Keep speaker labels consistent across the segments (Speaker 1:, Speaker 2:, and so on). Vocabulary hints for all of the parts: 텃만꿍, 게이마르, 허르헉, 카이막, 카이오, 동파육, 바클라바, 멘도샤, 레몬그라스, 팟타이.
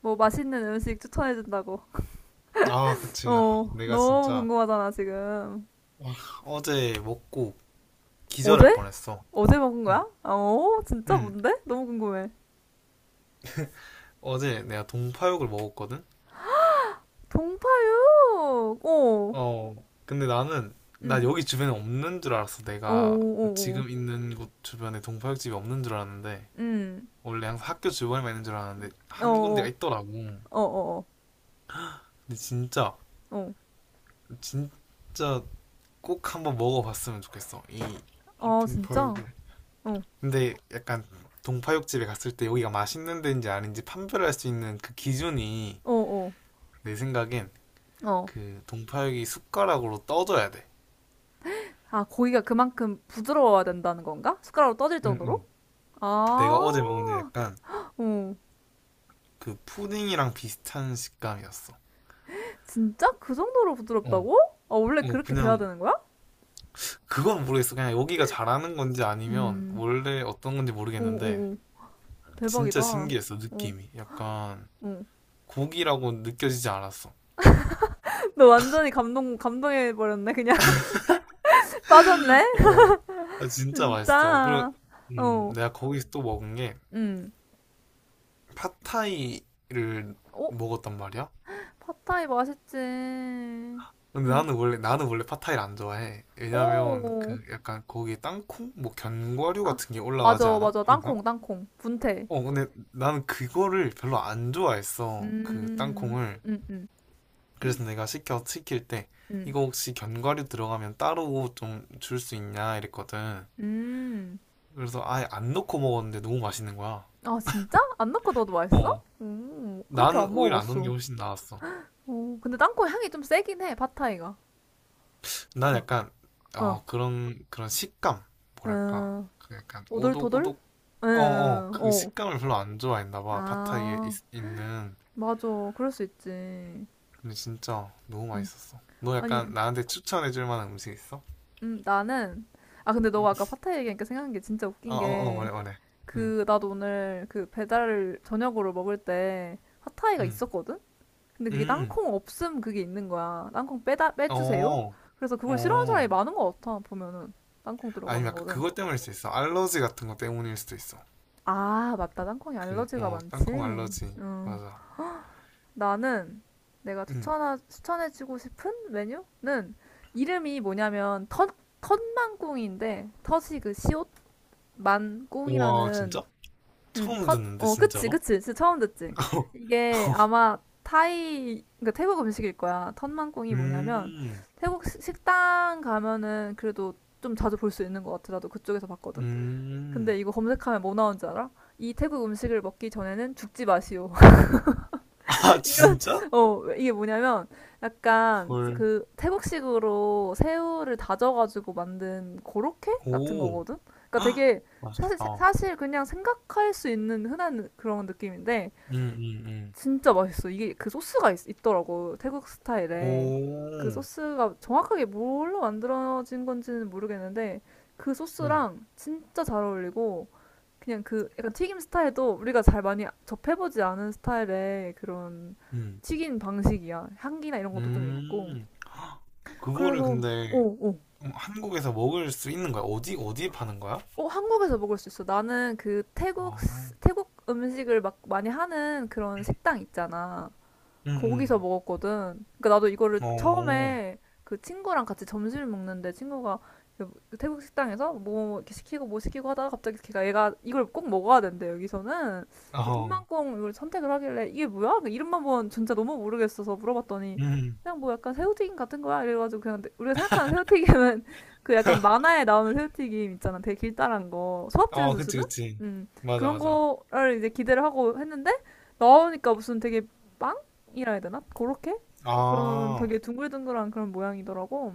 Speaker 1: 뭐 맛있는 음식 추천해준다고.
Speaker 2: 아, 그치. 아,
Speaker 1: 어,
Speaker 2: 내가
Speaker 1: 너무
Speaker 2: 진짜,
Speaker 1: 궁금하잖아, 지금.
Speaker 2: 아, 어제 먹고
Speaker 1: 어제?
Speaker 2: 기절할 뻔했어.
Speaker 1: 어제 먹은
Speaker 2: 응,
Speaker 1: 거야? 아, 어, 진짜
Speaker 2: 응.
Speaker 1: 뭔데? 너무 궁금해.
Speaker 2: 어제 내가 동파육을 먹었거든?
Speaker 1: 동파육! 어,
Speaker 2: 어, 근데 나는, 나
Speaker 1: 응.
Speaker 2: 여기 주변에 없는 줄 알았어.
Speaker 1: 어, 어,
Speaker 2: 내가
Speaker 1: 어, 어.
Speaker 2: 지금 있는 곳 주변에 동파육집이 없는 줄 알았는데,
Speaker 1: 응.
Speaker 2: 원래 항상 학교 주변에만 있는 줄 알았는데,
Speaker 1: 어,
Speaker 2: 한
Speaker 1: 어,
Speaker 2: 군데가 있더라고. 근데
Speaker 1: 어, 어,
Speaker 2: 진짜,
Speaker 1: 어. 어,
Speaker 2: 진짜 꼭 한번 먹어봤으면 좋겠어. 이
Speaker 1: 아, 진짜?
Speaker 2: 동파육을.
Speaker 1: 어,
Speaker 2: 근데 약간 동파육집에 갔을 때 여기가 맛있는 데인지 아닌지 판별할 수 있는 그 기준이
Speaker 1: 어, 어,
Speaker 2: 내 생각엔
Speaker 1: 어.
Speaker 2: 그 동파육이 숟가락으로 떠져야 돼.
Speaker 1: 아, 고기가 그만큼 부드러워야 된다는 건가? 숟가락으로 떠질
Speaker 2: 응,
Speaker 1: 정도로?
Speaker 2: 응. 내가 어제 먹은 게
Speaker 1: 아,
Speaker 2: 약간
Speaker 1: 어.
Speaker 2: 그 푸딩이랑 비슷한 식감이었어.
Speaker 1: 진짜? 그 정도로
Speaker 2: 어.
Speaker 1: 부드럽다고? 아, 원래
Speaker 2: 뭐
Speaker 1: 그렇게 돼야
Speaker 2: 그냥
Speaker 1: 되는 거야?
Speaker 2: 그건 모르겠어. 그냥 여기가 잘하는 건지 아니면
Speaker 1: 음.
Speaker 2: 원래 어떤 건지
Speaker 1: 오,
Speaker 2: 모르겠는데
Speaker 1: 오, 오.
Speaker 2: 진짜
Speaker 1: 대박이다.
Speaker 2: 신기했어,
Speaker 1: 어,
Speaker 2: 느낌이. 약간
Speaker 1: 응.
Speaker 2: 고기라고 느껴지지 않았어.
Speaker 1: 너 완전히 감동해버렸네, 그냥. 빠졌네?
Speaker 2: 어. 아, 진짜 맛있어. 그리고
Speaker 1: 진짜. 어,
Speaker 2: 내가 거기서 또 먹은 게
Speaker 1: 응.
Speaker 2: 팟타이를
Speaker 1: 어,
Speaker 2: 먹었단 말이야.
Speaker 1: 팟타이 맛있지.
Speaker 2: 근데
Speaker 1: 응.
Speaker 2: 나는 원래 팟타이를 안 좋아해. 왜냐면
Speaker 1: 오.
Speaker 2: 그 약간 거기에 땅콩 뭐 견과류
Speaker 1: 아,
Speaker 2: 같은 게 올라가지
Speaker 1: 맞아,
Speaker 2: 않아?
Speaker 1: 맞아.
Speaker 2: 항상?
Speaker 1: 땅콩, 땅콩. 분태.
Speaker 2: 어 근데 나는 그거를 별로 안 좋아했어. 그
Speaker 1: 음,
Speaker 2: 땅콩을.
Speaker 1: 음, 음,
Speaker 2: 그래서 내가 시켜 시킬 때
Speaker 1: 음,
Speaker 2: 이거 혹시 견과류 들어가면 따로 좀 줄 수 있냐 이랬거든.
Speaker 1: 음.
Speaker 2: 그래서 아예 안 넣고 먹었는데 너무 맛있는 거야.
Speaker 1: 아, 진짜? 안 넣고 넣어도 맛있어?
Speaker 2: 어.
Speaker 1: 그렇게
Speaker 2: 나는
Speaker 1: 안
Speaker 2: 오히려 안 넣는 게
Speaker 1: 먹어봤어.
Speaker 2: 훨씬 나았어.
Speaker 1: 오, 근데 땅콩 향이 좀 세긴 해, 팟타이가.
Speaker 2: 난
Speaker 1: 어,
Speaker 2: 약간
Speaker 1: 어.
Speaker 2: 어 그런 식감, 뭐랄까
Speaker 1: 어.
Speaker 2: 그 약간
Speaker 1: 오돌토돌?
Speaker 2: 오독오독, 어 어
Speaker 1: 응,
Speaker 2: 그
Speaker 1: 어.
Speaker 2: 식감을 별로 안 좋아했나 봐, 파타이에 있,
Speaker 1: 아,
Speaker 2: 는.
Speaker 1: 맞아. 그럴 수 있지.
Speaker 2: 근데 진짜 너무
Speaker 1: 음.
Speaker 2: 맛있었어. 너
Speaker 1: 아니,
Speaker 2: 약간 나한테 추천해줄 만한 음식 있어?
Speaker 1: 나는, 아, 근데 너가 아까 파타이 얘기하니까 생각난 게 진짜 웃긴
Speaker 2: 어어어
Speaker 1: 게,
Speaker 2: 말해 말해. 응,
Speaker 1: 그, 나도 오늘 그 배달 저녁으로 먹을 때 핫타이가
Speaker 2: 응,
Speaker 1: 있었거든? 근데 그게
Speaker 2: 음,
Speaker 1: 땅콩 없음 그게 있는 거야.
Speaker 2: 어,
Speaker 1: 빼주세요? 그래서 그걸 싫어하는 사람이
Speaker 2: 어.
Speaker 1: 많은 것 같아, 보면은. 땅콩
Speaker 2: 아니면
Speaker 1: 들어가는
Speaker 2: 약간
Speaker 1: 거를.
Speaker 2: 그것 때문일 수도 있어. 알러지 같은 거 때문일 수도 있어.
Speaker 1: 아, 맞다. 땅콩이
Speaker 2: 그
Speaker 1: 알러지가
Speaker 2: 어
Speaker 1: 많지.
Speaker 2: 땅콩 알러지
Speaker 1: 응.
Speaker 2: 맞아.
Speaker 1: 나는 내가
Speaker 2: 응.
Speaker 1: 추천해주고 싶은 메뉴는 이름이 뭐냐면 텃만꿍인데 텃이 그 시옷
Speaker 2: 우와,
Speaker 1: 만꿍이라는
Speaker 2: 진짜? 처음
Speaker 1: 텃,
Speaker 2: 듣는데,
Speaker 1: 그치,
Speaker 2: 진짜로?
Speaker 1: 그치. 진짜 처음 듣지. 이게 아마 그러니까 태국 음식일 거야. 텃만꿍이 뭐냐면
Speaker 2: 음,
Speaker 1: 태국 식당 가면은 그래도 좀 자주 볼 수 있는 것 같아. 나도 그쪽에서 봤거든.
Speaker 2: 음.
Speaker 1: 근데 이거 검색하면 뭐 나온 줄 알아? 이 태국 음식을 먹기 전에는 죽지 마시오.
Speaker 2: 아,
Speaker 1: 이런,
Speaker 2: 진짜?
Speaker 1: 이게 뭐냐면, 약간,
Speaker 2: 헐.
Speaker 1: 그, 태국식으로 새우를 다져가지고 만든 고로케 같은
Speaker 2: 오.
Speaker 1: 거거든? 그러니까
Speaker 2: 헉,
Speaker 1: 되게, 사실,
Speaker 2: 맛있겠다.
Speaker 1: 사실 그냥 생각할 수 있는 흔한 그런 느낌인데,
Speaker 2: 음음음.
Speaker 1: 진짜 맛있어. 이게 그 소스가 있더라고, 태국 스타일에. 그
Speaker 2: 오.
Speaker 1: 소스가 정확하게 뭘로 만들어진 건지는 모르겠는데, 그
Speaker 2: 음.
Speaker 1: 소스랑 진짜 잘 어울리고, 그냥 그 약간 튀김 스타일도 우리가 잘 많이 접해보지 않은 스타일의 그런
Speaker 2: 음.
Speaker 1: 튀긴 방식이야. 향기나 이런 것도 좀 있고.
Speaker 2: 음. 헉, 그거를
Speaker 1: 그래서,
Speaker 2: 근데
Speaker 1: 오, 오.
Speaker 2: 한국에서 먹을 수 있는 거야? 어디 어디에 파는 거야?
Speaker 1: 어, 한국에서 먹을 수 있어. 나는 그
Speaker 2: 아.
Speaker 1: 태국 음식을 막 많이 하는 그런 식당 있잖아.
Speaker 2: 음,
Speaker 1: 거기서
Speaker 2: 음.
Speaker 1: 먹었거든. 그러니까 나도 이거를
Speaker 2: 어. 음,
Speaker 1: 처음에 그 친구랑 같이 점심을 먹는데 친구가 그 태국 식당에서 뭐 이렇게 시키고 뭐 시키고 하다가 갑자기 걔가 얘가 이걸 꼭 먹어야 된대 여기서는
Speaker 2: 오,
Speaker 1: 그래서
Speaker 2: 어.
Speaker 1: 텀만콩 이걸 선택을 하길래 이게 뭐야? 그 이름만 본 진짜 너무 모르겠어서 물어봤더니
Speaker 2: 음.
Speaker 1: 그냥 뭐 약간 새우튀김 같은 거야 이래가지고 그냥 우리가 생각하는 새우튀김은 그 약간 만화에 나오는 새우튀김 있잖아 되게 길다란 거
Speaker 2: 아,
Speaker 1: 소밥집에서
Speaker 2: 그치,
Speaker 1: 쓰는
Speaker 2: 그치.
Speaker 1: 음
Speaker 2: 맞아,
Speaker 1: 그런
Speaker 2: 맞아.
Speaker 1: 거를 이제 기대를 하고 했는데 나오니까 무슨 되게 빵 이라 해야 되나? 그렇게? 그런
Speaker 2: 아,
Speaker 1: 되게 둥글둥글한 그런 모양이더라고.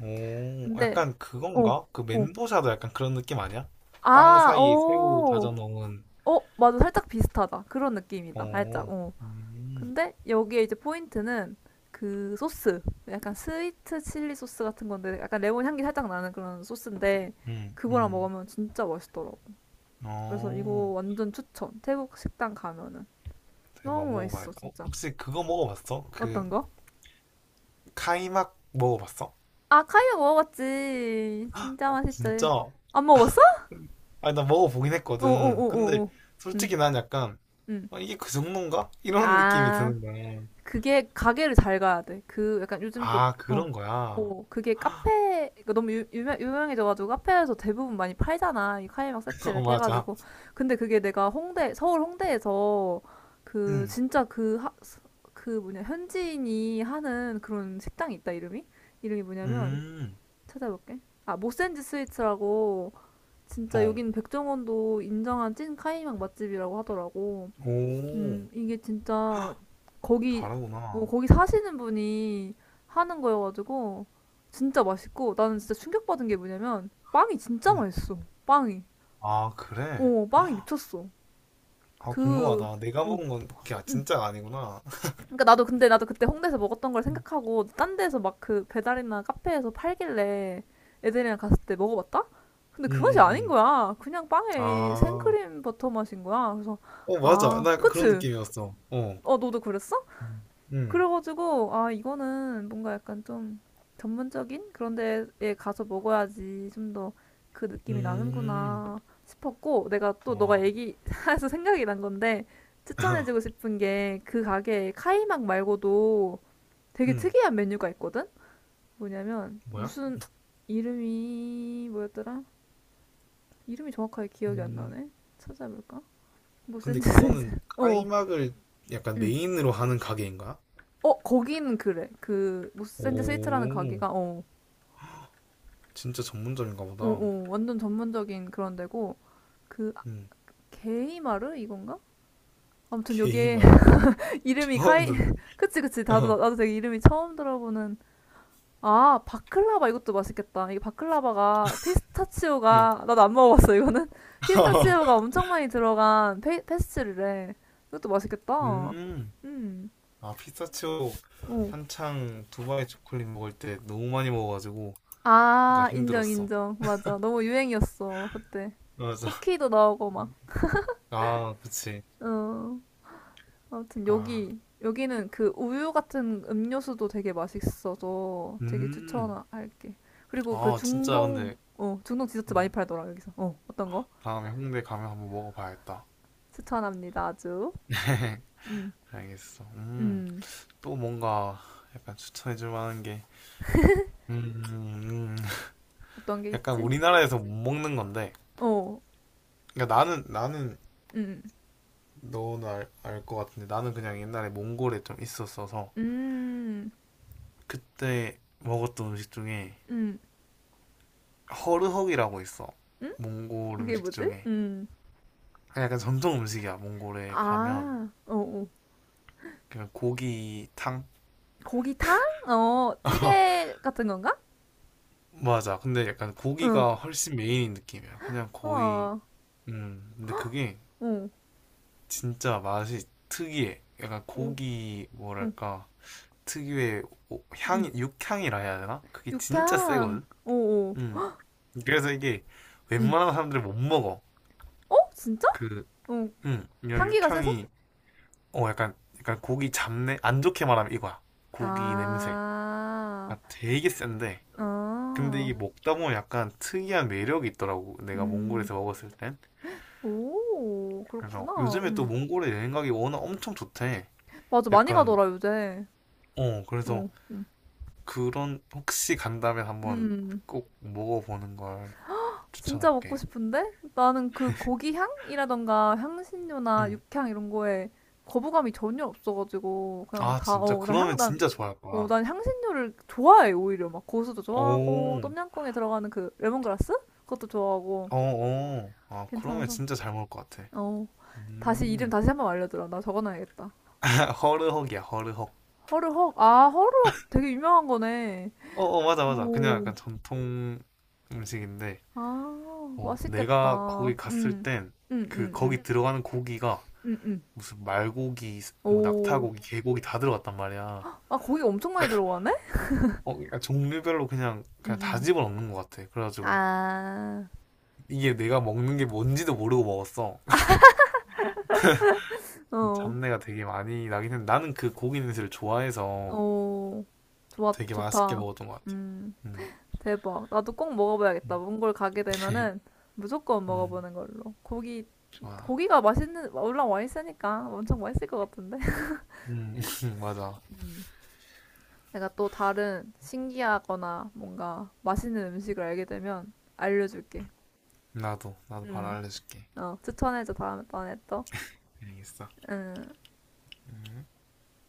Speaker 2: 오,
Speaker 1: 근데,
Speaker 2: 약간
Speaker 1: 어,
Speaker 2: 그건가? 그
Speaker 1: 어.
Speaker 2: 멘도샤도 약간 그런 느낌 아니야? 빵
Speaker 1: 아,
Speaker 2: 사이에 새우
Speaker 1: 어.
Speaker 2: 다져 넣은.
Speaker 1: 어, 맞아. 살짝 비슷하다. 그런 느낌이다. 살짝,
Speaker 2: 어,
Speaker 1: 어.
Speaker 2: 음,
Speaker 1: 근데 여기에 이제 포인트는 그 소스. 약간 스위트 칠리 소스 같은 건데, 약간 레몬 향기 살짝 나는 그런 소스인데,
Speaker 2: 음,
Speaker 1: 그거랑
Speaker 2: 음.
Speaker 1: 먹으면 진짜 맛있더라고. 그래서 이거
Speaker 2: 어,
Speaker 1: 완전 추천. 태국 식당 가면은.
Speaker 2: 대박,
Speaker 1: 너무 맛있어,
Speaker 2: 먹어봐야겠다. 어,
Speaker 1: 진짜.
Speaker 2: 혹시 그거 먹어봤어? 그,
Speaker 1: 어떤가?
Speaker 2: 카이막 먹어봤어?
Speaker 1: 아, 카이오 먹어봤지. 진짜 맛있지.
Speaker 2: 진짜?
Speaker 1: 안 먹어봤어?
Speaker 2: 아니, 나 먹어보긴 했거든. 근데,
Speaker 1: 어어어어어. 음,
Speaker 2: 솔직히 난 약간,
Speaker 1: 음.
Speaker 2: 어, 이게 그 정도인가? 이런 느낌이
Speaker 1: 아,
Speaker 2: 드는 거야.
Speaker 1: 그게 가게를 잘 가야 돼. 그 약간 요즘 또,
Speaker 2: 아,
Speaker 1: 어.
Speaker 2: 그런 거야.
Speaker 1: 그게 카페, 그 너무 유명해져가지고 카페에서 대부분 많이 팔잖아. 이 카이막 세트
Speaker 2: 어,
Speaker 1: 이렇게
Speaker 2: 맞아.
Speaker 1: 해가지고. 근데 그게 내가 서울 홍대에서 그
Speaker 2: 음,
Speaker 1: 진짜 그, 그 뭐냐, 현지인이 하는 그런 식당이 있다, 이름이? 이름이 뭐냐면,
Speaker 2: 음,
Speaker 1: 찾아볼게. 아, 모센지 스위츠라고 진짜
Speaker 2: 어,
Speaker 1: 여긴 백종원도 인정한 찐 카이막 맛집이라고 하더라고.
Speaker 2: 오,
Speaker 1: 이게 진짜
Speaker 2: 헉,
Speaker 1: 거기
Speaker 2: 다르구나.
Speaker 1: 거기 사시는 분이 하는 거여가지고 진짜 맛있고 나는 진짜 충격받은 게 뭐냐면 빵이 진짜
Speaker 2: 음,
Speaker 1: 맛있어. 빵이.
Speaker 2: 아, 그래?
Speaker 1: 어, 빵이 미쳤어.
Speaker 2: 아,
Speaker 1: 그
Speaker 2: 궁금하다. 내가
Speaker 1: 어,
Speaker 2: 먹은 건 그게
Speaker 1: 응.
Speaker 2: 진짜가 아니구나.
Speaker 1: 그러니까 나도 근데 나도 그때 홍대에서 먹었던 걸
Speaker 2: 음,
Speaker 1: 생각하고 딴 데서 막 그 배달이나 카페에서 팔길래 애들이랑 갔을 때 먹어봤다? 근데
Speaker 2: 음,
Speaker 1: 그 맛이 아닌
Speaker 2: 음.
Speaker 1: 거야. 그냥 빵에
Speaker 2: 아,
Speaker 1: 생크림 버터 맛인 거야. 그래서
Speaker 2: 어, 맞아.
Speaker 1: 아,
Speaker 2: 나 약간 그런
Speaker 1: 그치?
Speaker 2: 느낌이었어. 어.
Speaker 1: 어, 너도 그랬어?
Speaker 2: 음, 음,
Speaker 1: 그래가지고 아 이거는 뭔가 약간 좀 전문적인 그런 데에 가서 먹어야지 좀 더 그 느낌이
Speaker 2: 음.
Speaker 1: 나는구나 싶었고 내가 또 너가
Speaker 2: 와.
Speaker 1: 얘기해서 생각이 난 건데 추천해주고 싶은 게 그 가게에 카이막 말고도 되게
Speaker 2: 음,
Speaker 1: 특이한 메뉴가 있거든? 뭐냐면
Speaker 2: 뭐야?
Speaker 1: 무슨 이름이 뭐였더라? 이름이 정확하게 기억이 안
Speaker 2: 음,
Speaker 1: 나네. 찾아볼까? 모센
Speaker 2: 근데
Speaker 1: 즈
Speaker 2: 그거는
Speaker 1: 스위트. 어.
Speaker 2: 카이막을 약간
Speaker 1: 응.
Speaker 2: 메인으로 하는 가게인가?
Speaker 1: 어, 거기는 그래. 그 모센즈 스위트라는
Speaker 2: 오,
Speaker 1: 가게가 어.
Speaker 2: 진짜 전문점인가 보다.
Speaker 1: 오오 완전 전문적인 그런 데고 그 아,
Speaker 2: 음,
Speaker 1: 게이마르 이건가? 아무튼 여기에
Speaker 2: 게이마르?
Speaker 1: 이름이
Speaker 2: 처음
Speaker 1: 카이
Speaker 2: 듣네.
Speaker 1: 그치 그치 나도
Speaker 2: 어,
Speaker 1: 나도 되게 이름이 처음 들어보는 아 바클라바 이것도 맛있겠다 이게 바클라바가
Speaker 2: 음.
Speaker 1: 피스타치오가 나도 안 먹어봤어 이거는 피스타치오가 엄청 많이 들어간 페스츄리래 이것도 맛있겠다
Speaker 2: 음, 아, 피스타치오. 한창 두바이 초콜릿 먹을 때 너무 많이 먹어가지고 약간
Speaker 1: 음어아 인정
Speaker 2: 힘들었어.
Speaker 1: 인정 맞아 너무 유행이었어 그때
Speaker 2: 맞아.
Speaker 1: 쿠키도 나오고 막
Speaker 2: 아, 그치.
Speaker 1: 어. 아무튼
Speaker 2: 아.
Speaker 1: 여기는 그 우유 같은 음료수도 되게 맛있어서 되게
Speaker 2: 음.
Speaker 1: 추천할게. 그리고 그
Speaker 2: 아, 진짜 근데
Speaker 1: 중동 디저트 많이
Speaker 2: 음,
Speaker 1: 팔더라 여기서. 어떤 거?
Speaker 2: 다음에 홍대 가면 한번 먹어봐야겠다.
Speaker 1: 추천합니다 아주. 음,
Speaker 2: 알겠어. 음.
Speaker 1: 음.
Speaker 2: 또 뭔가 약간 추천해 줄 만한 게, 음, 음,
Speaker 1: 어떤 게
Speaker 2: 약간
Speaker 1: 있지?
Speaker 2: 우리나라에서 못 먹는 건데.
Speaker 1: 어,
Speaker 2: 그러니까 나는
Speaker 1: 음,
Speaker 2: 너는 알, 알 것 같은데 나는 그냥 옛날에 몽골에 좀 있었어서
Speaker 1: 음,
Speaker 2: 그때 먹었던 음식 중에
Speaker 1: 음?
Speaker 2: 허르헉이라고 있어.
Speaker 1: 음?
Speaker 2: 몽골
Speaker 1: 그게
Speaker 2: 음식
Speaker 1: 뭐지?
Speaker 2: 중에. 약간 전통 음식이야. 몽골에 가면
Speaker 1: 아, 어, 어.
Speaker 2: 그냥 고기탕.
Speaker 1: 고기탕? 어, 찌개 같은 건가?
Speaker 2: 맞아. 근데 약간
Speaker 1: 응,
Speaker 2: 고기가 훨씬 메인인 느낌이야. 그냥 거의,
Speaker 1: 와,
Speaker 2: 근데 그게
Speaker 1: 어, 어,
Speaker 2: 진짜 맛이 특이해. 약간 고기,
Speaker 1: 어,
Speaker 2: 뭐랄까, 특유의 오-
Speaker 1: 음,
Speaker 2: 향이, 육향이라 해야 되나? 그게 진짜
Speaker 1: 육향,
Speaker 2: 세거든?
Speaker 1: 어, 어,
Speaker 2: 음. 그래서 이게
Speaker 1: 음.
Speaker 2: 웬만한 사람들이 못 먹어.
Speaker 1: 어? 진짜?
Speaker 2: 그,
Speaker 1: 어.
Speaker 2: 이런
Speaker 1: 향기가 세서?
Speaker 2: 육향이, 어, 약간, 약간 고기 잡내? 안 좋게 말하면 이거야. 고기 냄새.
Speaker 1: 아,
Speaker 2: 아, 되게 센데. 근데
Speaker 1: 아,
Speaker 2: 이게 먹다 보면 약간 특이한 매력이 있더라고. 내가
Speaker 1: 음,
Speaker 2: 몽골에서 먹었을 땐.
Speaker 1: 오, 그렇구나.
Speaker 2: 그래서 요즘에 또 몽골에 여행 가기 워낙 엄청 좋대.
Speaker 1: 맞아, 많이
Speaker 2: 약간,
Speaker 1: 가더라, 요새.
Speaker 2: 어, 그래서
Speaker 1: 어,
Speaker 2: 그런, 혹시 간다면 한번
Speaker 1: 음.
Speaker 2: 꼭 먹어보는 걸
Speaker 1: 진짜 먹고
Speaker 2: 추천할게.
Speaker 1: 싶은데? 나는 그 고기 향이라던가 향신료나
Speaker 2: 음.
Speaker 1: 육향 이런 거에 거부감이 전혀 없어가지고, 그냥
Speaker 2: 아,
Speaker 1: 다,
Speaker 2: 진짜? 그러면 진짜 좋아할
Speaker 1: 어,
Speaker 2: 거야.
Speaker 1: 난 향신료를 좋아해, 오히려. 막 고수도 좋아하고,
Speaker 2: 오,
Speaker 1: 똠양꿍에 들어가는 그 레몬그라스? 그것도 좋아하고,
Speaker 2: 어, 어. 아, 그러면
Speaker 1: 괜찮아서.
Speaker 2: 진짜 잘 먹을 것 같아.
Speaker 1: 어. 다시 이름
Speaker 2: 음.
Speaker 1: 다시 한번 알려주라. 나 적어놔야겠다.
Speaker 2: 허르헉이야, 허르헉.
Speaker 1: 허르헉. 아, 허르헉 되게 유명한 거네.
Speaker 2: 어, 어, 맞아, 맞아. 그냥
Speaker 1: 오,
Speaker 2: 약간 전통 음식인데,
Speaker 1: 아,
Speaker 2: 어, 내가
Speaker 1: 맛있겠다.
Speaker 2: 거기 갔을 땐
Speaker 1: 음, 음,
Speaker 2: 그
Speaker 1: 음,
Speaker 2: 거기 들어가는 고기가
Speaker 1: 음, 음.
Speaker 2: 무슨 말고기, 뭐
Speaker 1: 오.
Speaker 2: 낙타고기, 개고기 다 들어갔단 말이야.
Speaker 1: 아, 고기 엄청 많이 들어가네?
Speaker 2: 어, 그러니까 종류별로 그냥
Speaker 1: 음,
Speaker 2: 그냥 다
Speaker 1: 음.
Speaker 2: 집어넣는 것 같아. 그래가지고
Speaker 1: 아,
Speaker 2: 이게 내가 먹는 게 뭔지도 모르고 먹었어.
Speaker 1: 어,
Speaker 2: 잡내가 되게 많이 나긴 했는데 나는 그 고기 냄새를 좋아해서
Speaker 1: 어. 좋아,
Speaker 2: 되게 맛있게
Speaker 1: 좋다.
Speaker 2: 먹었던 것 같아.
Speaker 1: 음,
Speaker 2: 음,
Speaker 1: 대박. 나도 꼭 먹어봐야겠다.
Speaker 2: 음,
Speaker 1: 몽골 가게 되면은 무조건
Speaker 2: 음,
Speaker 1: 먹어보는 걸로.
Speaker 2: 좋아.
Speaker 1: 고기가 맛있는, 올라와 있으니까 엄청 맛있을 것 같은데?
Speaker 2: 음, 맞아.
Speaker 1: 음. 내가 또 다른 신기하거나 뭔가 맛있는 음식을 알게 되면 알려줄게.
Speaker 2: 나도 바로
Speaker 1: 응.
Speaker 2: 알려줄게.
Speaker 1: 어, 추천해줘 다음에 또.
Speaker 2: 알겠어.
Speaker 1: 응.
Speaker 2: 음.